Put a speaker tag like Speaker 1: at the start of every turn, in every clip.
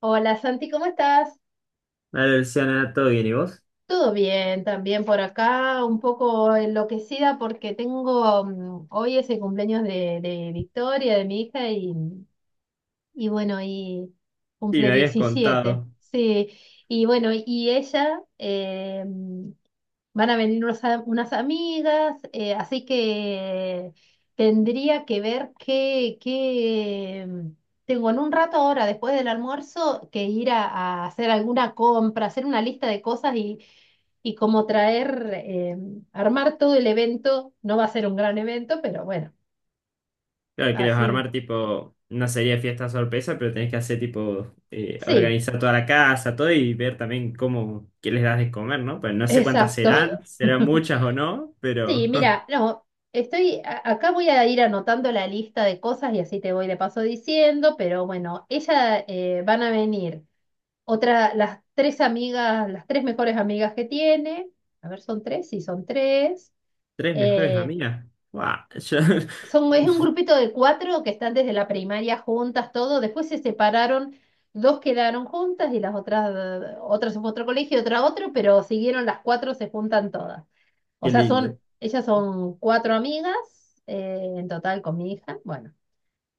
Speaker 1: Hola Santi, ¿cómo estás?
Speaker 2: Vale, Luciana, ¿todo bien? ¿Y vos?
Speaker 1: Todo bien, también por acá, un poco enloquecida porque tengo, hoy es el cumpleaños de Victoria, de mi hija, y bueno, y
Speaker 2: Sí,
Speaker 1: cumple
Speaker 2: me habías
Speaker 1: 17,
Speaker 2: contado.
Speaker 1: sí. Y bueno, y ella, van a venir unas amigas, así que tendría que ver qué, qué, tengo en un rato ahora, después del almuerzo, que ir a hacer alguna compra, hacer una lista de cosas y como traer, armar todo el evento. No va a ser un gran evento, pero bueno,
Speaker 2: Claro, que les vas a
Speaker 1: así.
Speaker 2: armar tipo una serie de fiestas sorpresa, pero tenés que hacer tipo
Speaker 1: Sí,
Speaker 2: organizar toda la casa, todo y ver también cómo, qué les das de comer, ¿no? Pues no sé cuántas
Speaker 1: exacto.
Speaker 2: serán, serán muchas o no,
Speaker 1: Sí,
Speaker 2: pero
Speaker 1: mira, no, estoy, acá voy a ir anotando la lista de cosas y así te voy de paso diciendo, pero bueno, ella, van a venir las tres amigas, las tres mejores amigas que tiene, a ver, son tres, sí, son tres,
Speaker 2: tres mejores
Speaker 1: eh,
Speaker 2: amigas. ¡Wow!
Speaker 1: es un grupito de cuatro que están desde la primaria juntas, todo, después se separaron, dos quedaron juntas y las otras, otras en otro colegio, otra a otro, pero siguieron las cuatro, se juntan todas. O
Speaker 2: Qué
Speaker 1: sea,
Speaker 2: lindo.
Speaker 1: ellas son cuatro amigas, en total con mi hija. Bueno,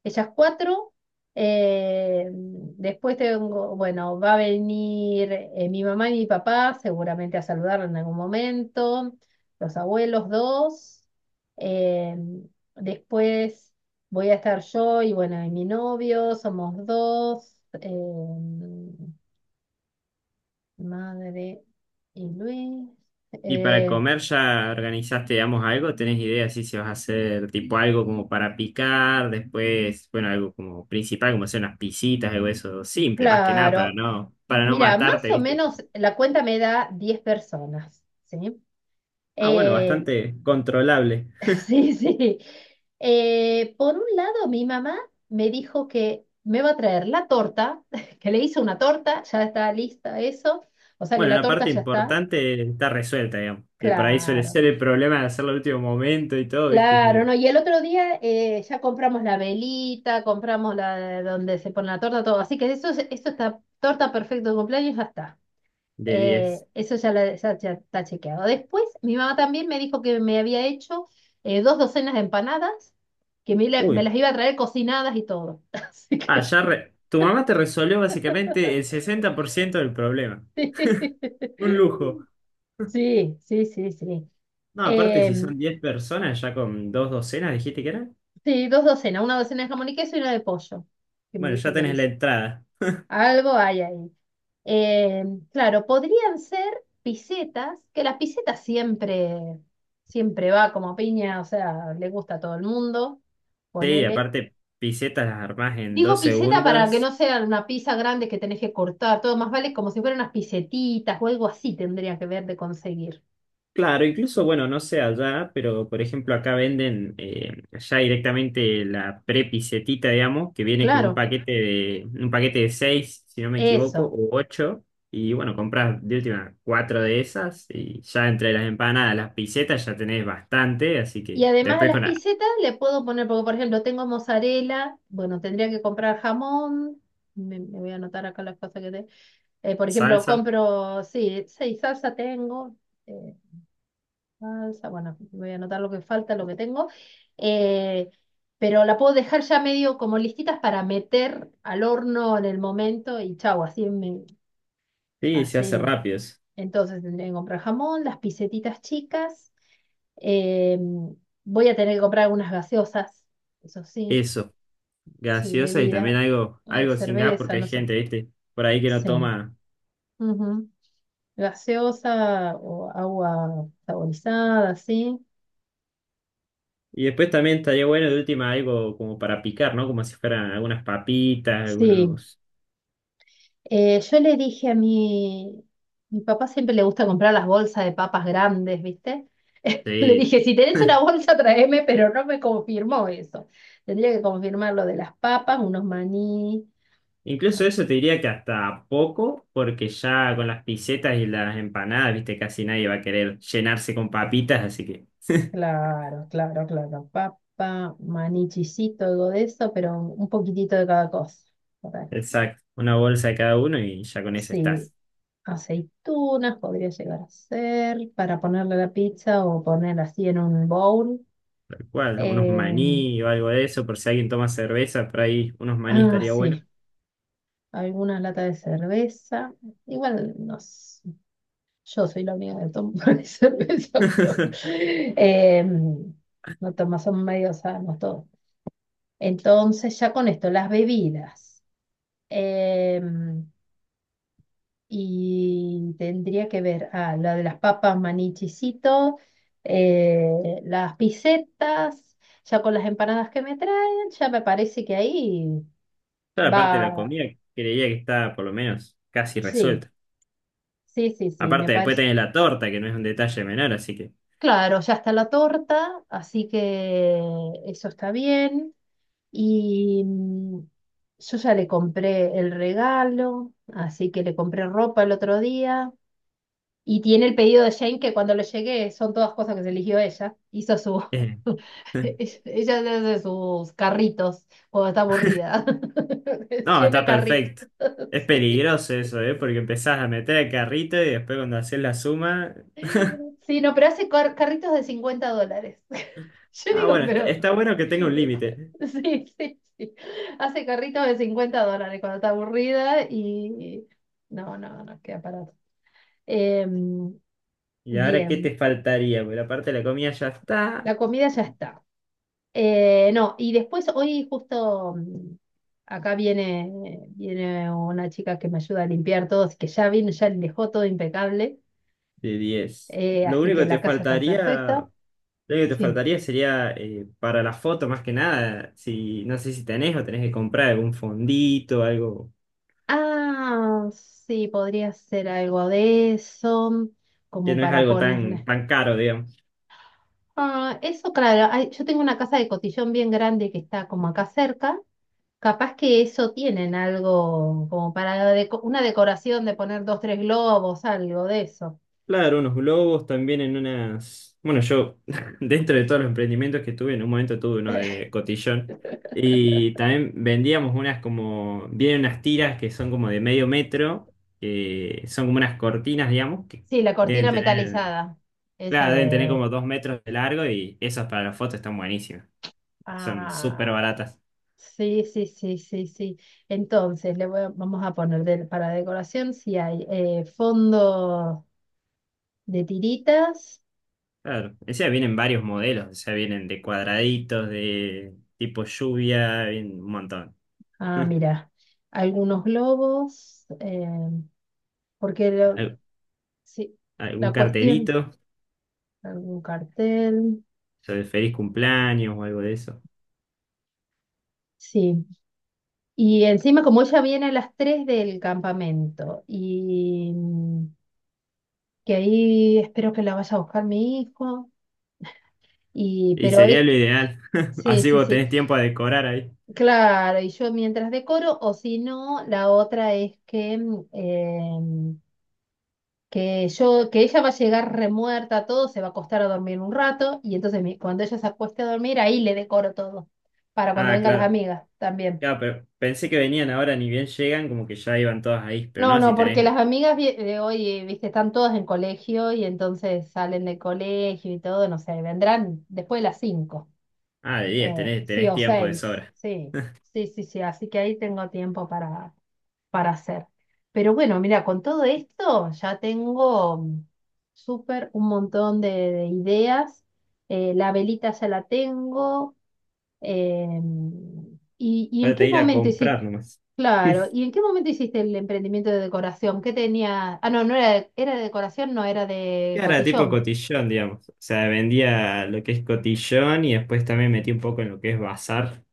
Speaker 1: ellas cuatro. Después tengo, bueno, va a venir, mi mamá y mi papá seguramente a saludarla en algún momento. Los abuelos dos. Eh, Después voy a estar yo y bueno, y mi novio, somos dos. eh, Madre y Luis.
Speaker 2: Y para
Speaker 1: Eh,
Speaker 2: comer, ¿ya organizaste, digamos, algo? ¿Tenés idea si se vas a hacer tipo algo como para picar? Después, bueno, algo como principal, como hacer unas pisitas, algo de eso simple, más que nada,
Speaker 1: Claro,
Speaker 2: para no
Speaker 1: mira, más
Speaker 2: matarte,
Speaker 1: o
Speaker 2: ¿viste?
Speaker 1: menos la cuenta me da 10 personas, ¿sí?
Speaker 2: Ah, bueno,
Speaker 1: Eh,
Speaker 2: bastante controlable.
Speaker 1: sí, sí. Por un lado, mi mamá me dijo que me va a traer la torta, que le hice una torta, ya está lista eso, o sea que
Speaker 2: Bueno,
Speaker 1: la
Speaker 2: la
Speaker 1: torta
Speaker 2: parte
Speaker 1: ya está,
Speaker 2: importante está resuelta, digamos, que por ahí suele
Speaker 1: claro,
Speaker 2: ser el problema de hacerlo al último momento y todo, ¿viste? Es
Speaker 1: claro, ¿no?
Speaker 2: medio
Speaker 1: Y el otro día, ya compramos la velita, compramos la donde se pone la torta, todo, así que eso está, torta perfecto de cumpleaños, ya está.
Speaker 2: de diez.
Speaker 1: Eso ya, ya está chequeado. Después, mi mamá también me dijo que me había hecho, dos docenas de empanadas, que me
Speaker 2: Uy,
Speaker 1: las iba a traer cocinadas y todo. Así
Speaker 2: ah,
Speaker 1: que
Speaker 2: ya tu mamá te resolvió básicamente el 60% del problema. Un lujo.
Speaker 1: sí, sí, sí, sí.
Speaker 2: No, aparte, si
Speaker 1: Em,
Speaker 2: son 10 personas, ya con dos docenas, dijiste que eran.
Speaker 1: sí, dos docenas, una docena de jamón y queso y una de pollo, que me
Speaker 2: Bueno, ya
Speaker 1: dijo que
Speaker 2: tenés la
Speaker 1: hizo.
Speaker 2: entrada.
Speaker 1: Algo hay ahí. Eh, claro, podrían ser pisetas, que las pisetas siempre, siempre va como piña, o sea, le gusta a todo el mundo,
Speaker 2: Sí,
Speaker 1: ponele.
Speaker 2: aparte, pisetas las armás en dos
Speaker 1: Digo piseta para que no
Speaker 2: segundos.
Speaker 1: sea una pizza grande que tenés que cortar, todo más vale como si fueran unas pisetitas o algo así tendría que ver de conseguir.
Speaker 2: Claro, incluso, bueno, no sé allá, pero por ejemplo, acá venden ya directamente la prepisetita, digamos, que viene con
Speaker 1: Claro,
Speaker 2: un paquete de seis, si no me equivoco,
Speaker 1: eso.
Speaker 2: o ocho. Y bueno, compras de última cuatro de esas y ya entre las empanadas, las pisetas ya tenés bastante, así
Speaker 1: Y
Speaker 2: que
Speaker 1: además a
Speaker 2: después
Speaker 1: las
Speaker 2: con la
Speaker 1: pisetas le puedo poner, porque por ejemplo tengo mozzarella, bueno, tendría que comprar jamón, me voy a anotar acá las cosas que tengo. Por ejemplo,
Speaker 2: salsa,
Speaker 1: compro, sí, seis salsa tengo. eh, Salsa, bueno, voy a anotar lo que falta, lo que tengo. eh, pero la puedo dejar ya medio como listitas para meter al horno en el momento y chau, así me
Speaker 2: sí, se hace
Speaker 1: así.
Speaker 2: rápido.
Speaker 1: Entonces tendré que comprar jamón, las pisetitas chicas. eh, Voy a tener que comprar algunas gaseosas, eso sí,
Speaker 2: Eso,
Speaker 1: sí,
Speaker 2: gaseosa y también
Speaker 1: bebida,
Speaker 2: algo, algo sin gas
Speaker 1: cerveza,
Speaker 2: porque hay
Speaker 1: no sé.
Speaker 2: gente, ¿viste? Por ahí que no
Speaker 1: Sí.
Speaker 2: toma.
Speaker 1: Ujú. Gaseosa o agua saborizada, ¿sí?
Speaker 2: Y después también estaría bueno de última algo como para picar, ¿no? Como si fueran algunas papitas,
Speaker 1: Sí.
Speaker 2: algunos...
Speaker 1: Yo le dije a mi papá, siempre le gusta comprar las bolsas de papas grandes, ¿viste? Le
Speaker 2: Sí.
Speaker 1: dije, si tenés una bolsa, tráeme, pero no me confirmó eso. Tendría que confirmar lo de las papas, unos maní.
Speaker 2: Incluso
Speaker 1: Ah,
Speaker 2: eso te diría que hasta poco, porque ya con las pisetas y las empanadas, ¿viste? Casi nadie va a querer llenarse con papitas, así que...
Speaker 1: claro, claro, claro. Papa, maní, chisito, algo de eso, pero un poquitito de cada cosa. Por ahí.
Speaker 2: Exacto, una bolsa de cada uno y ya con eso
Speaker 1: Sí,
Speaker 2: estás.
Speaker 1: aceitunas, podría llegar a ser, para ponerle a la pizza o poner así en un bowl.
Speaker 2: Tal cual, ¿no? Unos
Speaker 1: Eh,
Speaker 2: maní o algo de eso, por si alguien toma cerveza, por ahí unos maní
Speaker 1: ah,
Speaker 2: estaría bueno.
Speaker 1: sí, alguna lata de cerveza. Igual, no sé, yo soy la única que toma cerveza, pero, eh, no toma, son medio sanos todos. Entonces, ya con esto, las bebidas. Eh, Y tendría que ver, ah, la de las papas, manichicito, las pisetas, ya con las empanadas que me traen, ya me parece que ahí
Speaker 2: Claro, aparte de la
Speaker 1: va.
Speaker 2: comida, creía que está por lo menos casi
Speaker 1: Sí,
Speaker 2: resuelta.
Speaker 1: sí, sí, sí, me
Speaker 2: Aparte, después
Speaker 1: parece.
Speaker 2: tenés la torta, que no es un detalle menor, así que.
Speaker 1: Claro, ya está la torta, así que eso está bien. Y yo ya le compré el regalo, así que le compré ropa el otro día. Y tiene el pedido de Jane que cuando le llegue son todas cosas que se eligió ella. Hizo su.
Speaker 2: Eh,
Speaker 1: Ella hace sus carritos cuando está aburrida.
Speaker 2: no,
Speaker 1: Llena
Speaker 2: está
Speaker 1: carritos.
Speaker 2: perfecto. Es
Speaker 1: Sí.
Speaker 2: peligroso eso, ¿eh? Porque empezás a meter el carrito y después cuando haces la suma.
Speaker 1: Sí, no, pero hace carritos de $50. Yo
Speaker 2: Ah,
Speaker 1: digo,
Speaker 2: bueno, está,
Speaker 1: pero.
Speaker 2: bueno que tenga un límite.
Speaker 1: Sí, sí, sí. Hace carritos de $50 cuando está aburrida y. No, no, no, queda parado. Em,
Speaker 2: ¿Y ahora qué te
Speaker 1: Bien,
Speaker 2: faltaría? Porque la parte de la comida ya está
Speaker 1: la comida ya está. No, y después hoy justo, acá viene una chica que me ayuda a limpiar todo, así que ya vino, ya dejó todo impecable,
Speaker 2: de diez. Lo
Speaker 1: así
Speaker 2: único
Speaker 1: que
Speaker 2: que te
Speaker 1: la casa está
Speaker 2: faltaría,
Speaker 1: perfecta.
Speaker 2: lo único que te
Speaker 1: Sí.
Speaker 2: faltaría sería para la foto más que nada, si no sé si tenés o tenés que comprar algún fondito, algo
Speaker 1: Ah, sí, podría ser algo de eso,
Speaker 2: que
Speaker 1: como
Speaker 2: no es
Speaker 1: para
Speaker 2: algo tan,
Speaker 1: ponerle.
Speaker 2: tan caro, digamos.
Speaker 1: Ah, eso, claro, yo tengo una casa de cotillón bien grande que está como acá cerca. Capaz que eso tienen algo como para una decoración de poner dos, tres globos, algo de eso.
Speaker 2: Claro, unos globos también en unas. Bueno, yo, dentro de todos los emprendimientos que tuve, en un momento tuve uno de cotillón. Y también vendíamos unas como. Vienen unas tiras que son como de medio metro, que son como unas cortinas, digamos, que
Speaker 1: Sí, la
Speaker 2: deben
Speaker 1: cortina
Speaker 2: tener.
Speaker 1: metalizada, esa
Speaker 2: Claro, deben tener
Speaker 1: de.
Speaker 2: como 2 metros de largo y esas para las fotos están buenísimas. Son súper
Speaker 1: Ah,
Speaker 2: baratas.
Speaker 1: sí, sí, sí, sí, sí. Entonces, vamos a poner para decoración si hay, fondo de tiritas.
Speaker 2: Claro, o sea, vienen varios modelos, o sea, vienen de cuadraditos, de tipo lluvia, vienen un montón.
Speaker 1: Ah, mira, algunos globos, porque
Speaker 2: al-
Speaker 1: sí,
Speaker 2: algún
Speaker 1: la cuestión,
Speaker 2: cartelito,
Speaker 1: algún cartel,
Speaker 2: sobre feliz cumpleaños o algo de eso.
Speaker 1: sí. Y encima, como ella viene a las 3 del campamento y que ahí espero que la vaya a buscar mi hijo. Y,
Speaker 2: Y
Speaker 1: pero
Speaker 2: sería
Speaker 1: es,
Speaker 2: lo ideal.
Speaker 1: sí,
Speaker 2: Así
Speaker 1: sí,
Speaker 2: vos
Speaker 1: sí.
Speaker 2: tenés tiempo a decorar ahí.
Speaker 1: Claro, y yo mientras decoro, o si no, la otra es que, que yo, que ella va a llegar remuerta, todo, se va a acostar a dormir un rato, y entonces cuando ella se acueste a dormir, ahí le decoro todo, para cuando
Speaker 2: Ah,
Speaker 1: vengan las
Speaker 2: claro.
Speaker 1: amigas también.
Speaker 2: Claro, pero pensé que venían ahora, ni bien llegan, como que ya iban todas ahí. Pero
Speaker 1: No,
Speaker 2: no, si
Speaker 1: no, porque
Speaker 2: tenés.
Speaker 1: las amigas de hoy, viste, están todas en colegio y entonces salen del colegio y todo, no sé, vendrán después de las 5.
Speaker 2: Ah, de diez,
Speaker 1: Sí,
Speaker 2: tenés
Speaker 1: o
Speaker 2: tiempo de
Speaker 1: seis,
Speaker 2: sobra.
Speaker 1: sí, sí, sí, sí, así que ahí tengo tiempo para hacer. Pero bueno, mira, con todo esto ya tengo, súper un montón de ideas. La velita ya la tengo, y en
Speaker 2: Falta
Speaker 1: qué
Speaker 2: ir a
Speaker 1: momento hiciste,
Speaker 2: comprar nomás.
Speaker 1: claro, ¿y en qué momento hiciste el emprendimiento de decoración? ¿Qué tenía? Ah, no, no era de, era de decoración, no, era
Speaker 2: Y
Speaker 1: de
Speaker 2: era tipo
Speaker 1: cotillón.
Speaker 2: cotillón, digamos. O sea, vendía lo que es cotillón y después también metí un poco en lo que es bazar.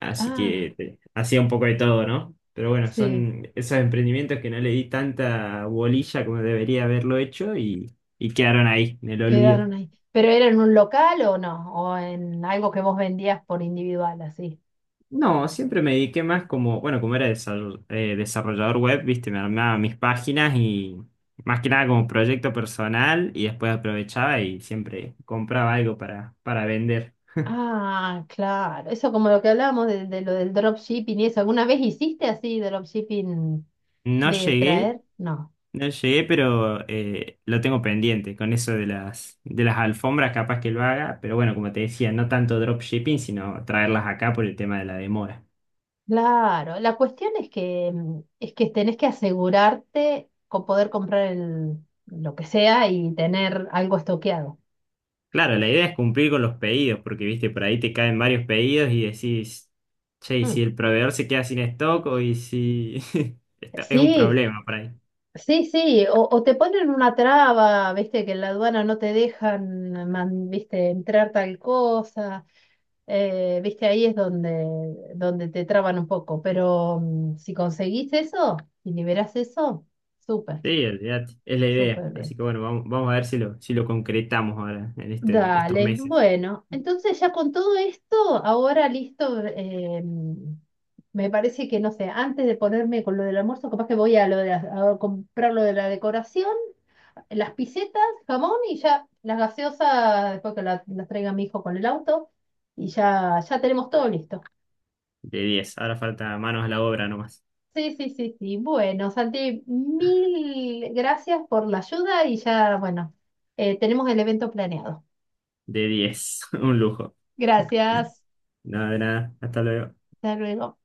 Speaker 2: Así
Speaker 1: Ah,
Speaker 2: que hacía un poco de todo, ¿no? Pero bueno,
Speaker 1: sí.
Speaker 2: son esos emprendimientos que no le di tanta bolilla como debería haberlo hecho y quedaron ahí, en el olvido.
Speaker 1: Quedaron ahí. ¿Pero era en un local o no? ¿O en algo que vos vendías por individual, así?
Speaker 2: No, siempre me dediqué más como, bueno, como era desarrollador web, viste, me armaba mis páginas y más que nada como proyecto personal y después aprovechaba y siempre compraba algo para vender.
Speaker 1: Ah, claro. Eso como lo que hablábamos de lo del dropshipping y eso. ¿Alguna vez hiciste así dropshipping
Speaker 2: No
Speaker 1: de
Speaker 2: llegué
Speaker 1: traer? No.
Speaker 2: No llegué, pero lo tengo pendiente con eso de las alfombras, capaz que lo haga, pero bueno, como te decía, no tanto dropshipping, sino traerlas acá por el tema de la demora.
Speaker 1: Claro. La cuestión es que, es que tenés que asegurarte con poder comprar lo que sea y tener algo estoqueado.
Speaker 2: Claro, la idea es cumplir con los pedidos, porque viste, por ahí te caen varios pedidos y decís, che, y si
Speaker 1: Mm.
Speaker 2: el proveedor se queda sin stock o y si es un
Speaker 1: Sí,
Speaker 2: problema por ahí.
Speaker 1: sí, sí, o te ponen una traba, viste, que en la aduana no te dejan, viste, entrar tal cosa, viste, ahí es donde te traban un poco, pero, si conseguís eso, si liberás eso, súper,
Speaker 2: Sí, olvídate, es la idea.
Speaker 1: súper
Speaker 2: Así
Speaker 1: bien.
Speaker 2: que bueno, vamos, vamos a ver si lo concretamos ahora en estos
Speaker 1: Dale,
Speaker 2: meses.
Speaker 1: bueno, entonces ya con todo esto, ahora listo, me parece que, no sé, antes de ponerme con lo del almuerzo, capaz que voy a, lo de, a comprar lo de la decoración. Las pisetas, jamón y ya las gaseosas, después que las traiga mi hijo con el auto, y ya tenemos todo listo.
Speaker 2: De diez, ahora falta manos a la obra nomás.
Speaker 1: Sí, sí, sí, sí. Bueno, Santi, mil gracias por la ayuda y ya, bueno, tenemos el evento planeado.
Speaker 2: De diez. Un lujo.
Speaker 1: Gracias.
Speaker 2: Nada de nada. Hasta luego.
Speaker 1: Hasta luego.